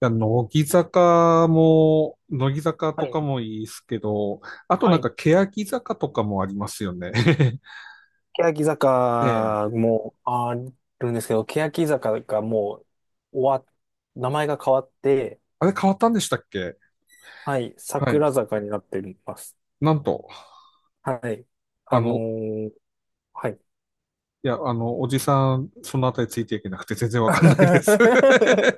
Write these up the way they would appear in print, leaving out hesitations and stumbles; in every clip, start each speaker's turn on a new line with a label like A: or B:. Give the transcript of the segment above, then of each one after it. A: や、乃木坂も、乃木坂
B: は
A: とか
B: い。
A: もいいですけど、あと
B: は
A: なん
B: い。
A: か、欅坂とかもありますよね。
B: 欅
A: ええ。
B: 坂もあるんですけど、欅坂がもう終わっ、名前が変わって、
A: あれ変わったんでしたっけ？
B: はい、
A: は
B: 桜
A: い。
B: 坂になっています。
A: なんと、
B: はい。あ
A: あ
B: の
A: の、
B: ーはい。
A: いや、あの、おじさん、そのあたりついていけなくて全然わかんないです。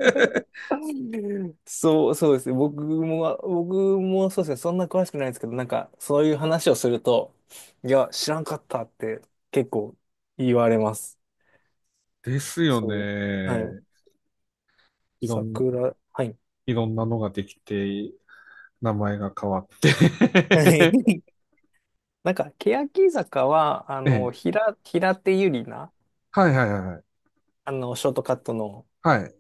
B: そう、そうですね。僕もそうですね。そんな詳しくないですけど、なんか、そういう話をすると、いや、知らんかったって結構言われます。
A: ですよ
B: そう。はい。
A: ね。いろん、
B: 桜、はい。
A: いろんなのができて、名前が変わって。
B: なんか、欅坂は、あ
A: え
B: の、
A: え。
B: 平手友梨奈、
A: はいはいはいは
B: あの、ショートカットの
A: い。はい。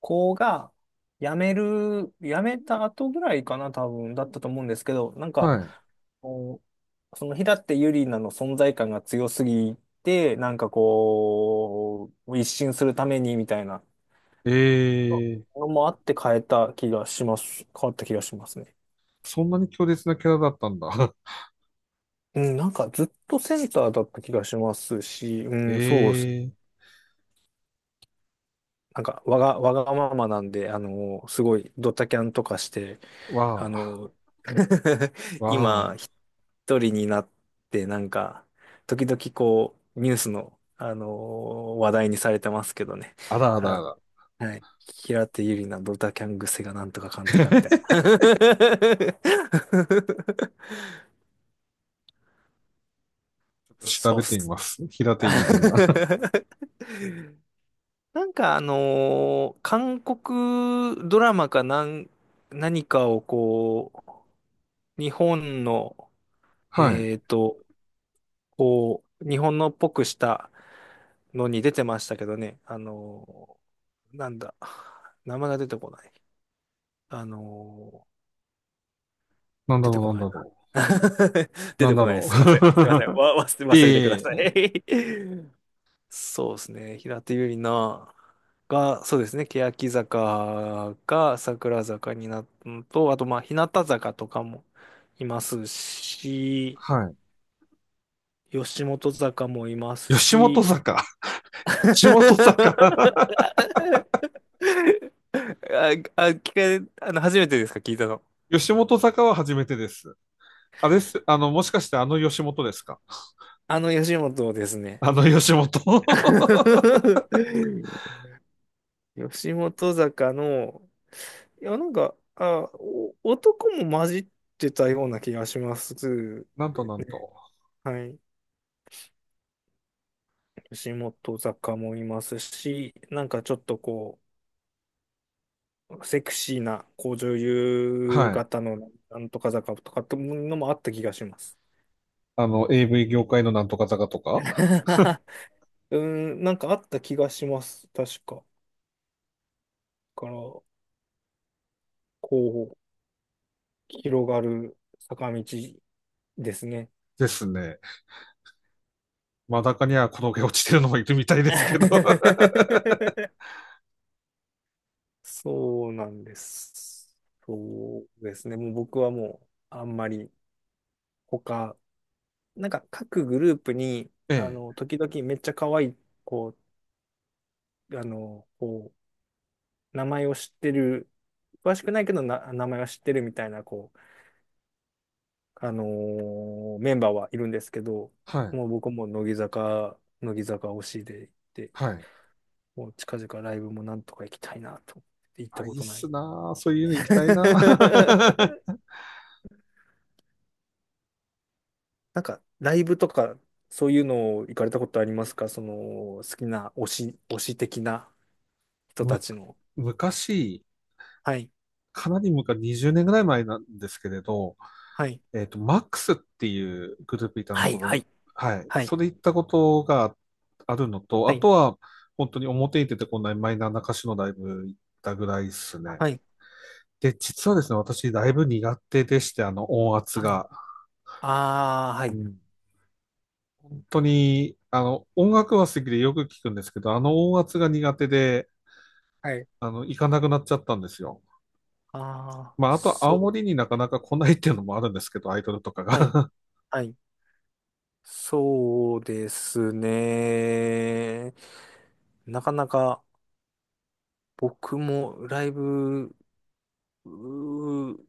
B: 子が、辞めた後ぐらいかな、多分、だったと思うんですけど、なんか、
A: はい。
B: こうその平手友梨奈の存在感が強すぎて、なんかこう、一新するためにみたいな
A: ええ、
B: のもあって変えた気がします。変わった気がしますね。
A: そんなに強烈なキャラだったんだ。
B: うん、なんかずっとセンターだった気がしますし、う
A: え
B: ん、そう
A: えー。
B: なんか、わがままなんで、あの、すごい、ドタキャンとかして、あ
A: わあ、
B: の、今、
A: わ
B: 一人になって、なんか、時々こう、ニュースの、あの、話題にされてますけどね。
A: あ、あらあらあ
B: あ、
A: ら。
B: はい。平手友梨奈ドタキャン癖がなんとかかんとかみたい な。
A: 調
B: そうっ
A: べてみ
B: す。
A: ます。平手ゆりな。
B: なんか韓国ドラマかなん、何かをこう、日本の、
A: はい。
B: えっと、こう、日本のっぽくしたのに出てましたけどね、なんだ、名前が出てこない。あの
A: なんだ
B: 出て
A: ろう、
B: こ
A: なん
B: な
A: だ
B: い
A: ろ
B: な。
A: う。
B: 出
A: なん
B: て
A: だ
B: こないで
A: ろ
B: す。すいません。すいません。
A: う。
B: わ、忘れてくだ
A: え
B: さ
A: え。
B: い。そうですね。平手友梨奈が、そうですね。欅坂が桜坂になったのと、あと、まあ、日向坂とかもいますし、
A: は
B: 吉本坂もいます
A: い。吉本
B: し、
A: 坂。吉本坂。
B: あ、あ、聞か、あの、初めてですか？聞いたの。
A: 吉本坂は初めてです。あれです。あの、もしかしてあの吉本ですか？
B: あの吉本ですね。
A: あの吉本。
B: 吉本坂の、いや、なんか、あ、男も混じってたような気がします。
A: なんとなんと。
B: はい。吉本坂もいますし、なんかちょっとこう、セクシーな、こう女優
A: はい。
B: 型のなんとか坂とかっていうのもあった気がします。
A: あの、AV 業界のなんとか坂とか
B: うん、なんかあった気がします。確か。だから、こう、広がる坂道ですね。
A: ですね。真ん中には転げ落ちてるのもいるみたいですけど。
B: そうなんです。そうですね。もう僕はもう、あんまり他、なんか各グループに、あ
A: ええ。
B: の、時々めっちゃ可愛い、こう、あの、こう、名前を知ってる、詳しくないけどな、名前は知ってるみたいな、こう、メンバーはいるんですけど、
A: はい。
B: もう僕も乃木坂推しで行って、
A: はい。
B: もう近々ライブもなんとか行きたいなと思って行った
A: あ、い
B: こ
A: いっ
B: とない。
A: すなあ。そういうの行きたいなあ。
B: なんか、ライブとか、そういうのを行かれたことありますか？その、好きな推し的な 人た
A: む、
B: ちの。
A: 昔、
B: はい、
A: かなり昔、20年ぐらい前なんですけれど、
B: はい、
A: えっと、マックスっていうグループいたの
B: はい、
A: こ
B: は
A: と、
B: い、
A: はい。
B: はい、
A: それ行ったことがあるのと、
B: は
A: あと
B: い、
A: は、本当に表に出てこないマイナーな歌手のライブ行ったぐらいですね。
B: はい、
A: で、実はですね、私、ライブ苦手でして、あの、音圧
B: はい。
A: が。
B: ああ、は
A: う
B: い、
A: ん、本当に、あの、音楽は好きでよく聞くんですけど、あの音圧が苦手で、
B: はい。
A: あの、行かなくなっちゃったんですよ。
B: ああ、
A: まあ、あと、
B: そ
A: 青
B: う。
A: 森になかなか来ないっていうのもあるんですけど、アイドルとか
B: はい、
A: が。
B: はい。そうですね。なかなか僕もライブ、うー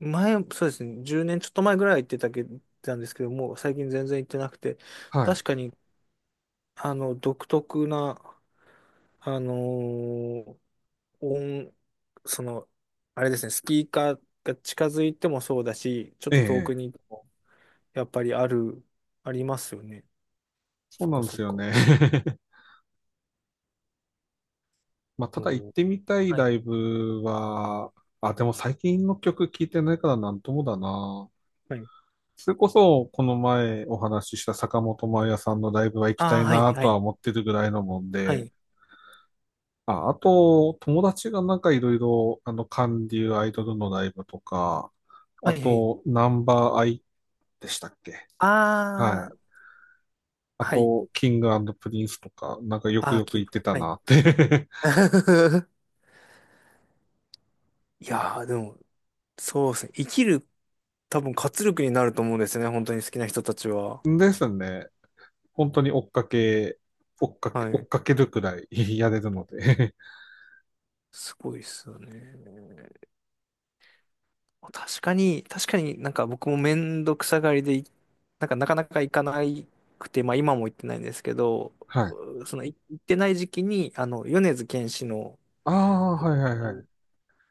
B: 前、そうですね。10年ちょっと前ぐらい行ってたけ、たんですけども、最近全然行ってなくて、
A: は
B: 確
A: い。
B: かに、あの、独特な、あのー音、その、あれですね、スピーカーが近づいてもそうだし、ちょっ
A: え
B: と遠く
A: え。
B: にやっぱりある、ありますよね。
A: そう
B: そっ
A: な
B: か
A: んで
B: そ
A: す
B: っ
A: よ
B: か。
A: ね。まあ、ただ行っ
B: おー
A: てみたい
B: は
A: ラ
B: い。
A: イブは、あ、でも最近の曲聴いてないからなんともだな。
B: はい。
A: それこそ、この前お話しした坂本真綾さんのライブは行きた
B: ああ、
A: い
B: は
A: な
B: い、は
A: とは
B: い、
A: 思ってるぐらいのもん
B: は
A: で、
B: い、
A: あ、あと、友達がなんかいろいろ、あの、韓流アイドルのライブとか、あ
B: はい、はい。
A: と、ナンバーアイでしたっけ？は
B: あ
A: い。あ
B: あ、はい。
A: と、キングプリンスとか、なんかよく
B: ああ、
A: よく
B: キー
A: 言っ
B: プ。
A: てた
B: はい。
A: なって。
B: いやー、でも、そうですね。生きる、多分活力になると思うんですね。本当に好きな人たちは。
A: ですね。本当に追っかけ、
B: はい。
A: るくらい、 やれるので。
B: すごいっすよね。確かに、確かになんか僕もめんどくさがりで、なんかなかなか行かなくて、まあ今も行ってないんですけど、
A: はい。
B: うそのい行ってない時期に、あの、米津玄師の、
A: ああ、はいはいはい。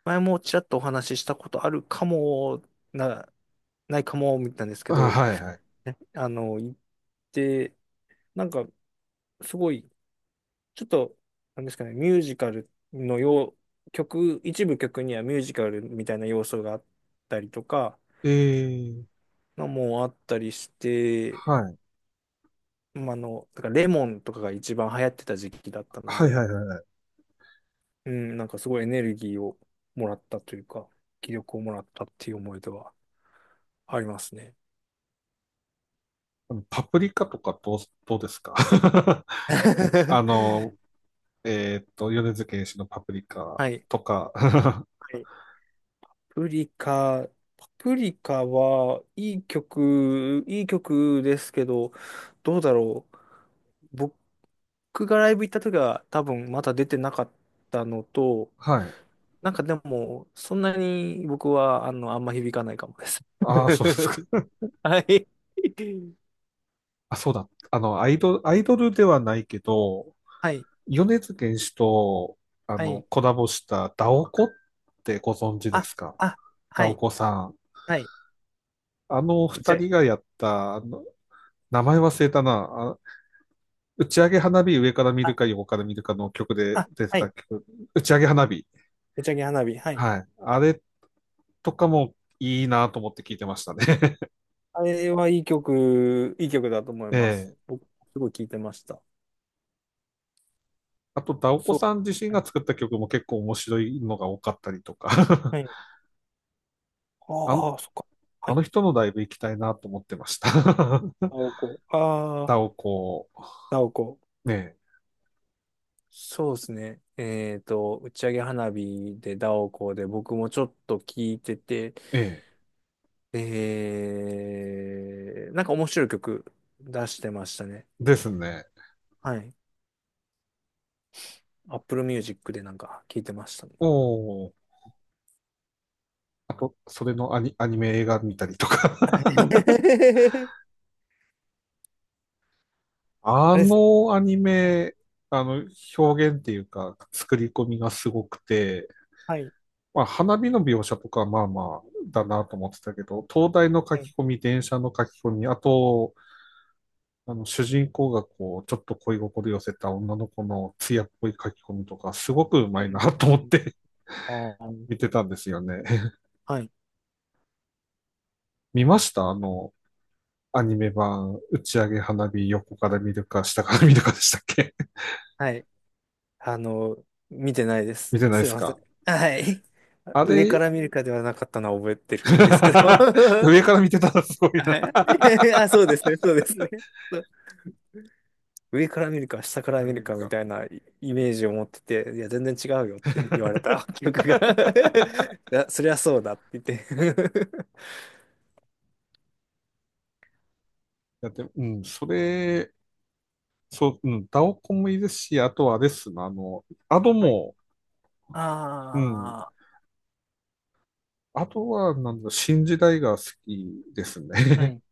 B: 前もちらっとお話ししたことあるかも、な、ないかも、みたいなんですけ
A: あ、
B: ど、
A: はいはい。
B: 行って、なんかすごい、ちょっと、なんですかね、ミュージカルの曲、一部曲にはミュージカルみたいな要素があったりとか、
A: ええ、
B: のもあったりして、
A: はい。
B: まあ、あの、だからレモンとかが一番流行ってた時期だったの
A: はいは
B: で、
A: いはい。
B: うん、なんかすごいエネルギーをもらったというか、気力をもらったっていう思い出はありますね。
A: あのパプリカとかどう、どうですか？ あの、米津玄師のパプリカ
B: はい。
A: とか。
B: はい。パプリカ、パプリカはいい曲、いい曲ですけど、どうだろう。僕がライブ行った時は多分まだ出てなかったのと、
A: はい。
B: なんかでも、そんなに僕はあの、あんま響かないかもです。
A: ああ、そうですか。
B: はい。
A: あ、そうだ。あの、アイドル、アイドルではないけど、
B: はい、
A: 米津玄師と、あ
B: は
A: の、
B: い。
A: コラボしたダオコってご存知で
B: あ、
A: すか？
B: あ、
A: ダ
B: は
A: オ
B: い、
A: コさん。
B: はい。
A: あの
B: 打ち
A: 二
B: 上げ
A: 人がやった、あの、名前忘れたな。あ、打ち上げ花火上から見る
B: あ、
A: か横から見るかの曲で
B: あ、
A: 出て
B: はい。
A: た曲。打ち上げ花火。
B: 打ち上げ花火。はい。
A: はい。あれとかもいいなと思って聞いてましたね。
B: あれはいい曲、いい曲だと思い
A: え
B: ます。
A: え。
B: 僕、すごい聴いてました。
A: あと、ダオコ
B: そう。
A: さん自身
B: は
A: が
B: い。
A: 作った曲も結構面白いのが多かったりとか。
B: はい。
A: あの、
B: ああ、そっか。は
A: あの
B: い。
A: 人のライブ行きたいなと思ってました。
B: ナオコ。あ
A: ダオ
B: あ、
A: コ。
B: ダオコ。
A: ね
B: そうですね。えっと、打ち上げ花火でダオコで僕もちょっと聴いてて、
A: え。ええ。
B: えー、なんか面白い曲出してましたね。
A: ですね。
B: はい。Apple Music でなんか聞いてましたね。
A: おお。あと、それのアニメ映画見たりとか。
B: はい
A: あ
B: あれですね。
A: のアニ
B: はい。
A: メ、あの、表現っていうか、作り込みがすごくて、
B: はい。
A: まあ、花火の描写とかはまあまあだなと思ってたけど、灯台の書
B: はい。
A: き込み、電車の書き込み、あと、あの、主人公がこう、ちょっと恋心寄せた女の子の艶っぽい書き込みとか、すごくう
B: う
A: まい
B: ー
A: なと思っ
B: ん
A: て、
B: あ ー
A: 見てたんですよね。
B: はい。
A: 見ました、あの、アニメ版、打ち上げ花火、横から見るか、下から見るかでしたっけ？
B: はい。あの、見てないで
A: 見
B: す。
A: てないで
B: すい
A: す
B: ません。
A: か？
B: はい。
A: あ
B: 上か
A: れ。
B: ら見るかではなかったのは覚えて るんですけど。
A: 上から見てたらすごいな。
B: はい あ、そうですね。そうですね。そう上から見るか、下か ら見
A: 見
B: る
A: る
B: かみ
A: か。
B: たいなイメージを持ってて、いや、全然違うよって言われた 記憶が いやそりゃそうだって言って
A: だって、うん、それ、そう、うん、ダオコンもいいですし、あとはあれっすな、あの、アド
B: はい。
A: も、うん、
B: ああ。
A: あとは、なんだ、新時代が好きです
B: は
A: ね。
B: い。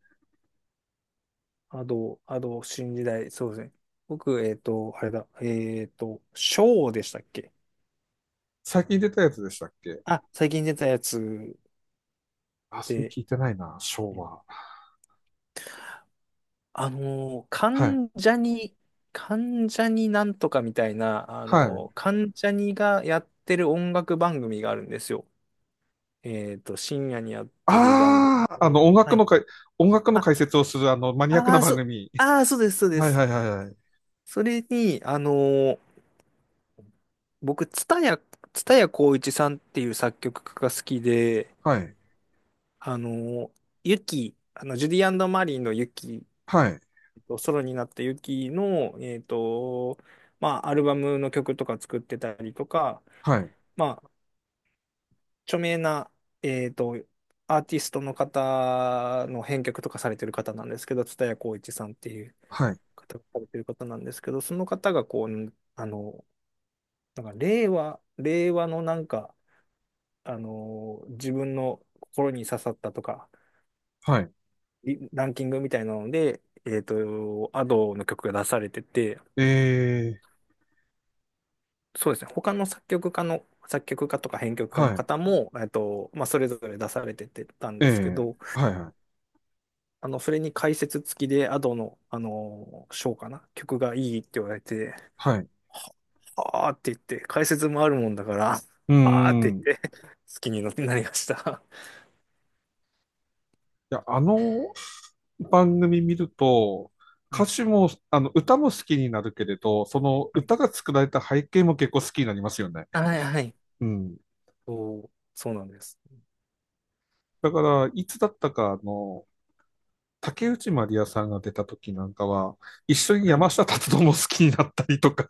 B: アド、新時代、そうですね。僕、えっと、あれだ、えっと、ショーでしたっけ？
A: 最近出たやつでしたっけ？
B: あ、最近出たやつ
A: あ、それ
B: で、
A: 聞いてないな、昭和。
B: あのー、
A: はい。
B: 関ジャニ、関ジャニなんとかみたいな、
A: はい。
B: 関ジャニがやってる音楽番組があるんですよ。えっと、深夜にやってる番組
A: ああ、あ
B: で。
A: の、音
B: は
A: 楽の
B: い。
A: かい、音楽の
B: あ、
A: 解説をする、あの、マニアック
B: あ
A: な
B: ー、
A: 番
B: そう、
A: 組。
B: あー、そうです、そうで
A: はいは
B: す。
A: いはいはい。
B: それに、僕、蔦谷好位置さんっていう作曲家が好きで、
A: はい。
B: あの、ユキ、あの、ジュディマリーのユキ、
A: はい。
B: えっとソロになったユキの、えっと、まあ、アルバムの曲とか作ってたりとか、
A: はい。
B: まあ、著名な、えっと、アーティストの方の編曲とかされてる方なんですけど、蔦谷好位置さんっていう
A: はい。
B: 方がされてる方なんですけど、その方がこう、あの、なんか令和のなんか、あの、自分の心に刺さったとか、
A: はい。
B: リランキングみたいなので、えっと、アドの曲が出されてて、
A: えー、
B: そうですね、他の作曲家とか編曲家の
A: は
B: 方も、えっと、まあ、それぞれ出されててたん
A: い。え
B: ですけ
A: ー、
B: ど、
A: はいはい。
B: あの、それに解説付きでアドの、あの、賞かな、曲がいいって言われて、
A: はい。
B: あーって言って、解説もあるもんだから、
A: うー
B: あーって
A: ん。い
B: 言って、好きになりました。
A: や、あの番組見ると、
B: は
A: 歌
B: い。
A: 詞も、あの、歌も好きになるけれど、その
B: はい。
A: 歌が作られた背景も結構好きになりますよね。
B: はい、はい。
A: うん。
B: そう、そうなんです。
A: だから、いつだったか、あの、竹内まりやさんが出た時なんかは、一緒に
B: は
A: 山
B: い。
A: 下達郎も好きになったりとか、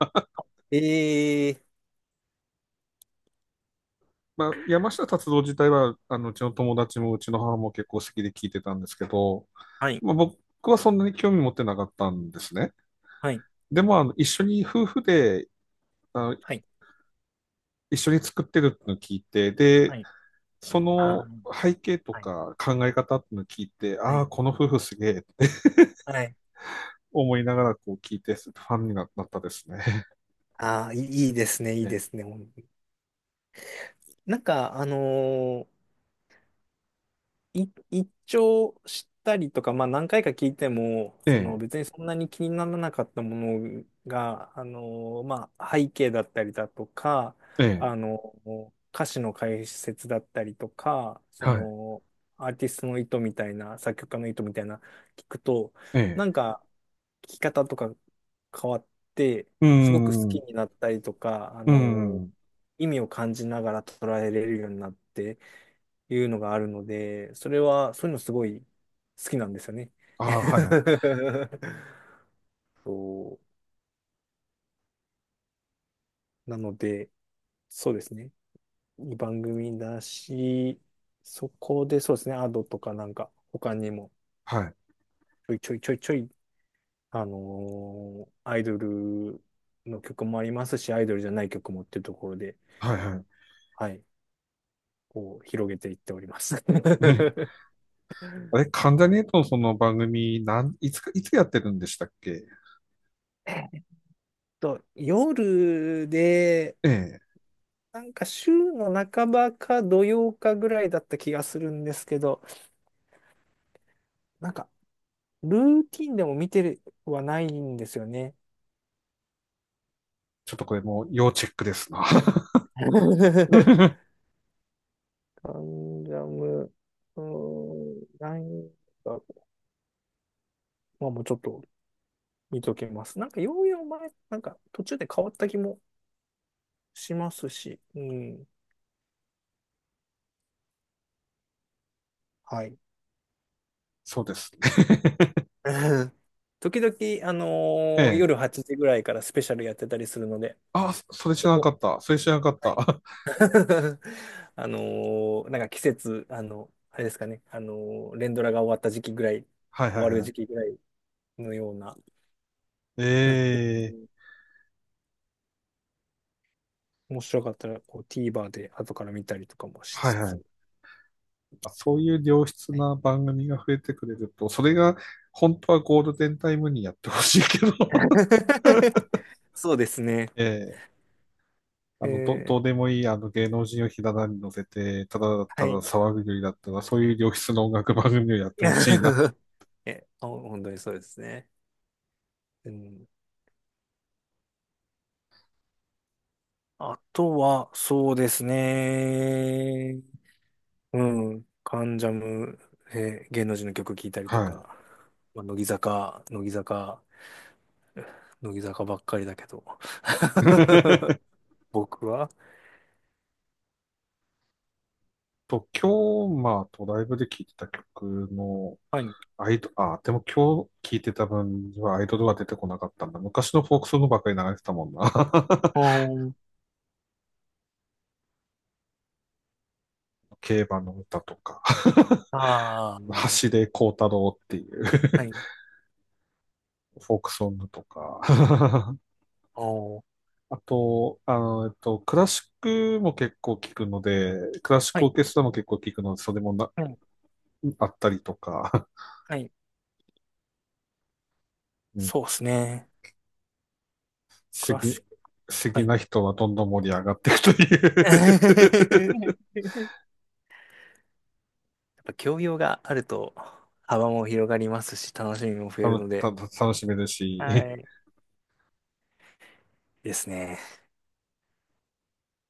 B: えー、
A: まあ、山下達郎自体は、あの、うちの友達もうちの母も結構好きで聞いてたんですけど、
B: はい、
A: まあ、僕はそんなに興味持ってなかったんですね。
B: はい、
A: でも、あの、一緒に夫婦で、あの、
B: はい、
A: 一緒に作ってるってのを聞いて、
B: は
A: で、
B: い。
A: そ
B: あ
A: の
B: ー
A: 背景と
B: はい
A: か考え方ってのを聞いて、
B: は
A: ああ、
B: い。
A: この夫婦すげえって
B: はい。
A: 思いながらこう聞いて、ファンになったですね。
B: ああ、いいですね、いいで
A: え
B: すね。ほんなんか、一聴したりとか、まあ何回か聞いても、
A: え、
B: その
A: え
B: 別にそんなに気にならなかったものが、あの、まあ背景だったりだとか、
A: え、
B: あ
A: ええ、
B: の、歌詞の解説だったりとか、そ
A: はい、
B: の、アーティストの意図みたいな、作曲家の意図みたいな、聞くと、
A: え
B: な
A: え、
B: んか、聞き方とか変わって、
A: うー
B: すごく好
A: ん、
B: き
A: う
B: になったりとか、あ
A: ー
B: の、
A: ん、
B: 意味を感じながら捉えれるようになって、いうのがあるので、それは、そういうのすごい好きなんですよね。
A: ああ、はい、
B: そう。なので、そうですね。いい番組だし、そこでそうですね、アドとかなんか、他にも
A: はい、
B: ちょいちょいちょいちょい、アイドルの曲もありますし、アイドルじゃない曲もっていうところで、
A: はい、はい。
B: はい、こう広げていっております。
A: あれ、関ジャニ∞のその番組、なん、いつか、いつやってるんでしたっけ？
B: えっと、夜で、
A: ええ。
B: なんか週の半ばか土曜かぐらいだった気がするんですけど、なんかルーティンでも見てはないんですよね。
A: ちょっとこれもう要チェックですな。
B: カンジャム、うーん、なんか、まあもうちょっと見ときます。なんかようやく前、なんか途中で変わった気もしますし、うん、はい。
A: そうですね。
B: 時々、
A: え
B: 夜
A: え。
B: 8時ぐらいからスペシャルやってたりするので、
A: あ、そそれ知
B: そ
A: らなか
B: こ、
A: った。それ知らなかっ
B: は
A: た。
B: い
A: は
B: あのなんか季節、あの、あれですかね、連ドラが終わった時期ぐらい、
A: いはい
B: 終わる
A: は
B: 時
A: い。
B: 期ぐらいのような、
A: え
B: なって
A: え。
B: 面白かったらこう TVer で後から見たりとかもし
A: は
B: つ
A: いはい。
B: つ。
A: あ、そういう良質
B: はい
A: な番組が増えてくれると、それが本当はゴールデンタイムにやってほしいけど。
B: そうですね。
A: ええ。あ
B: え
A: の、どう
B: ー
A: でもいい、あの、芸能人をひな壇に乗せて、ただた
B: は
A: だ
B: い。
A: 騒ぐよりだったら、そういう良質の音楽番組をやってほしいな。
B: え、あ本当にそうですね。うん、あとは、そうですね。うん。カンジャムね、えー芸能人の曲聴いたりと
A: はい。
B: か、まあ、乃木坂ばっかりだけど。僕は
A: と、今日、まあ、ドライブで聴いてた曲の、
B: はい。
A: アイド、あ、でも今日聴いてた分にはアイドルは出てこなかったんだ。昔のフォークソングばっかり流れてたもんな。
B: うん。
A: 競馬の歌とか、
B: ああ、
A: 橋で幸太郎っていう、
B: はい。
A: フォークソングとか。
B: おー
A: あと、あの、クラシックも結構聴くので、クラシッ
B: は
A: クオー
B: い。
A: ケストラも結構聴くので、それもな、
B: はい。
A: あったりとか、
B: はい。
A: うん、
B: そうですね。クラシック。
A: 好
B: は
A: き
B: い。
A: な人はどんどん盛り上がっていくという。
B: やっぱ教養があると幅も広がりますし、楽しみも増
A: た
B: える
A: の
B: の
A: た、
B: で、
A: 楽しめるし、
B: はい。ですね。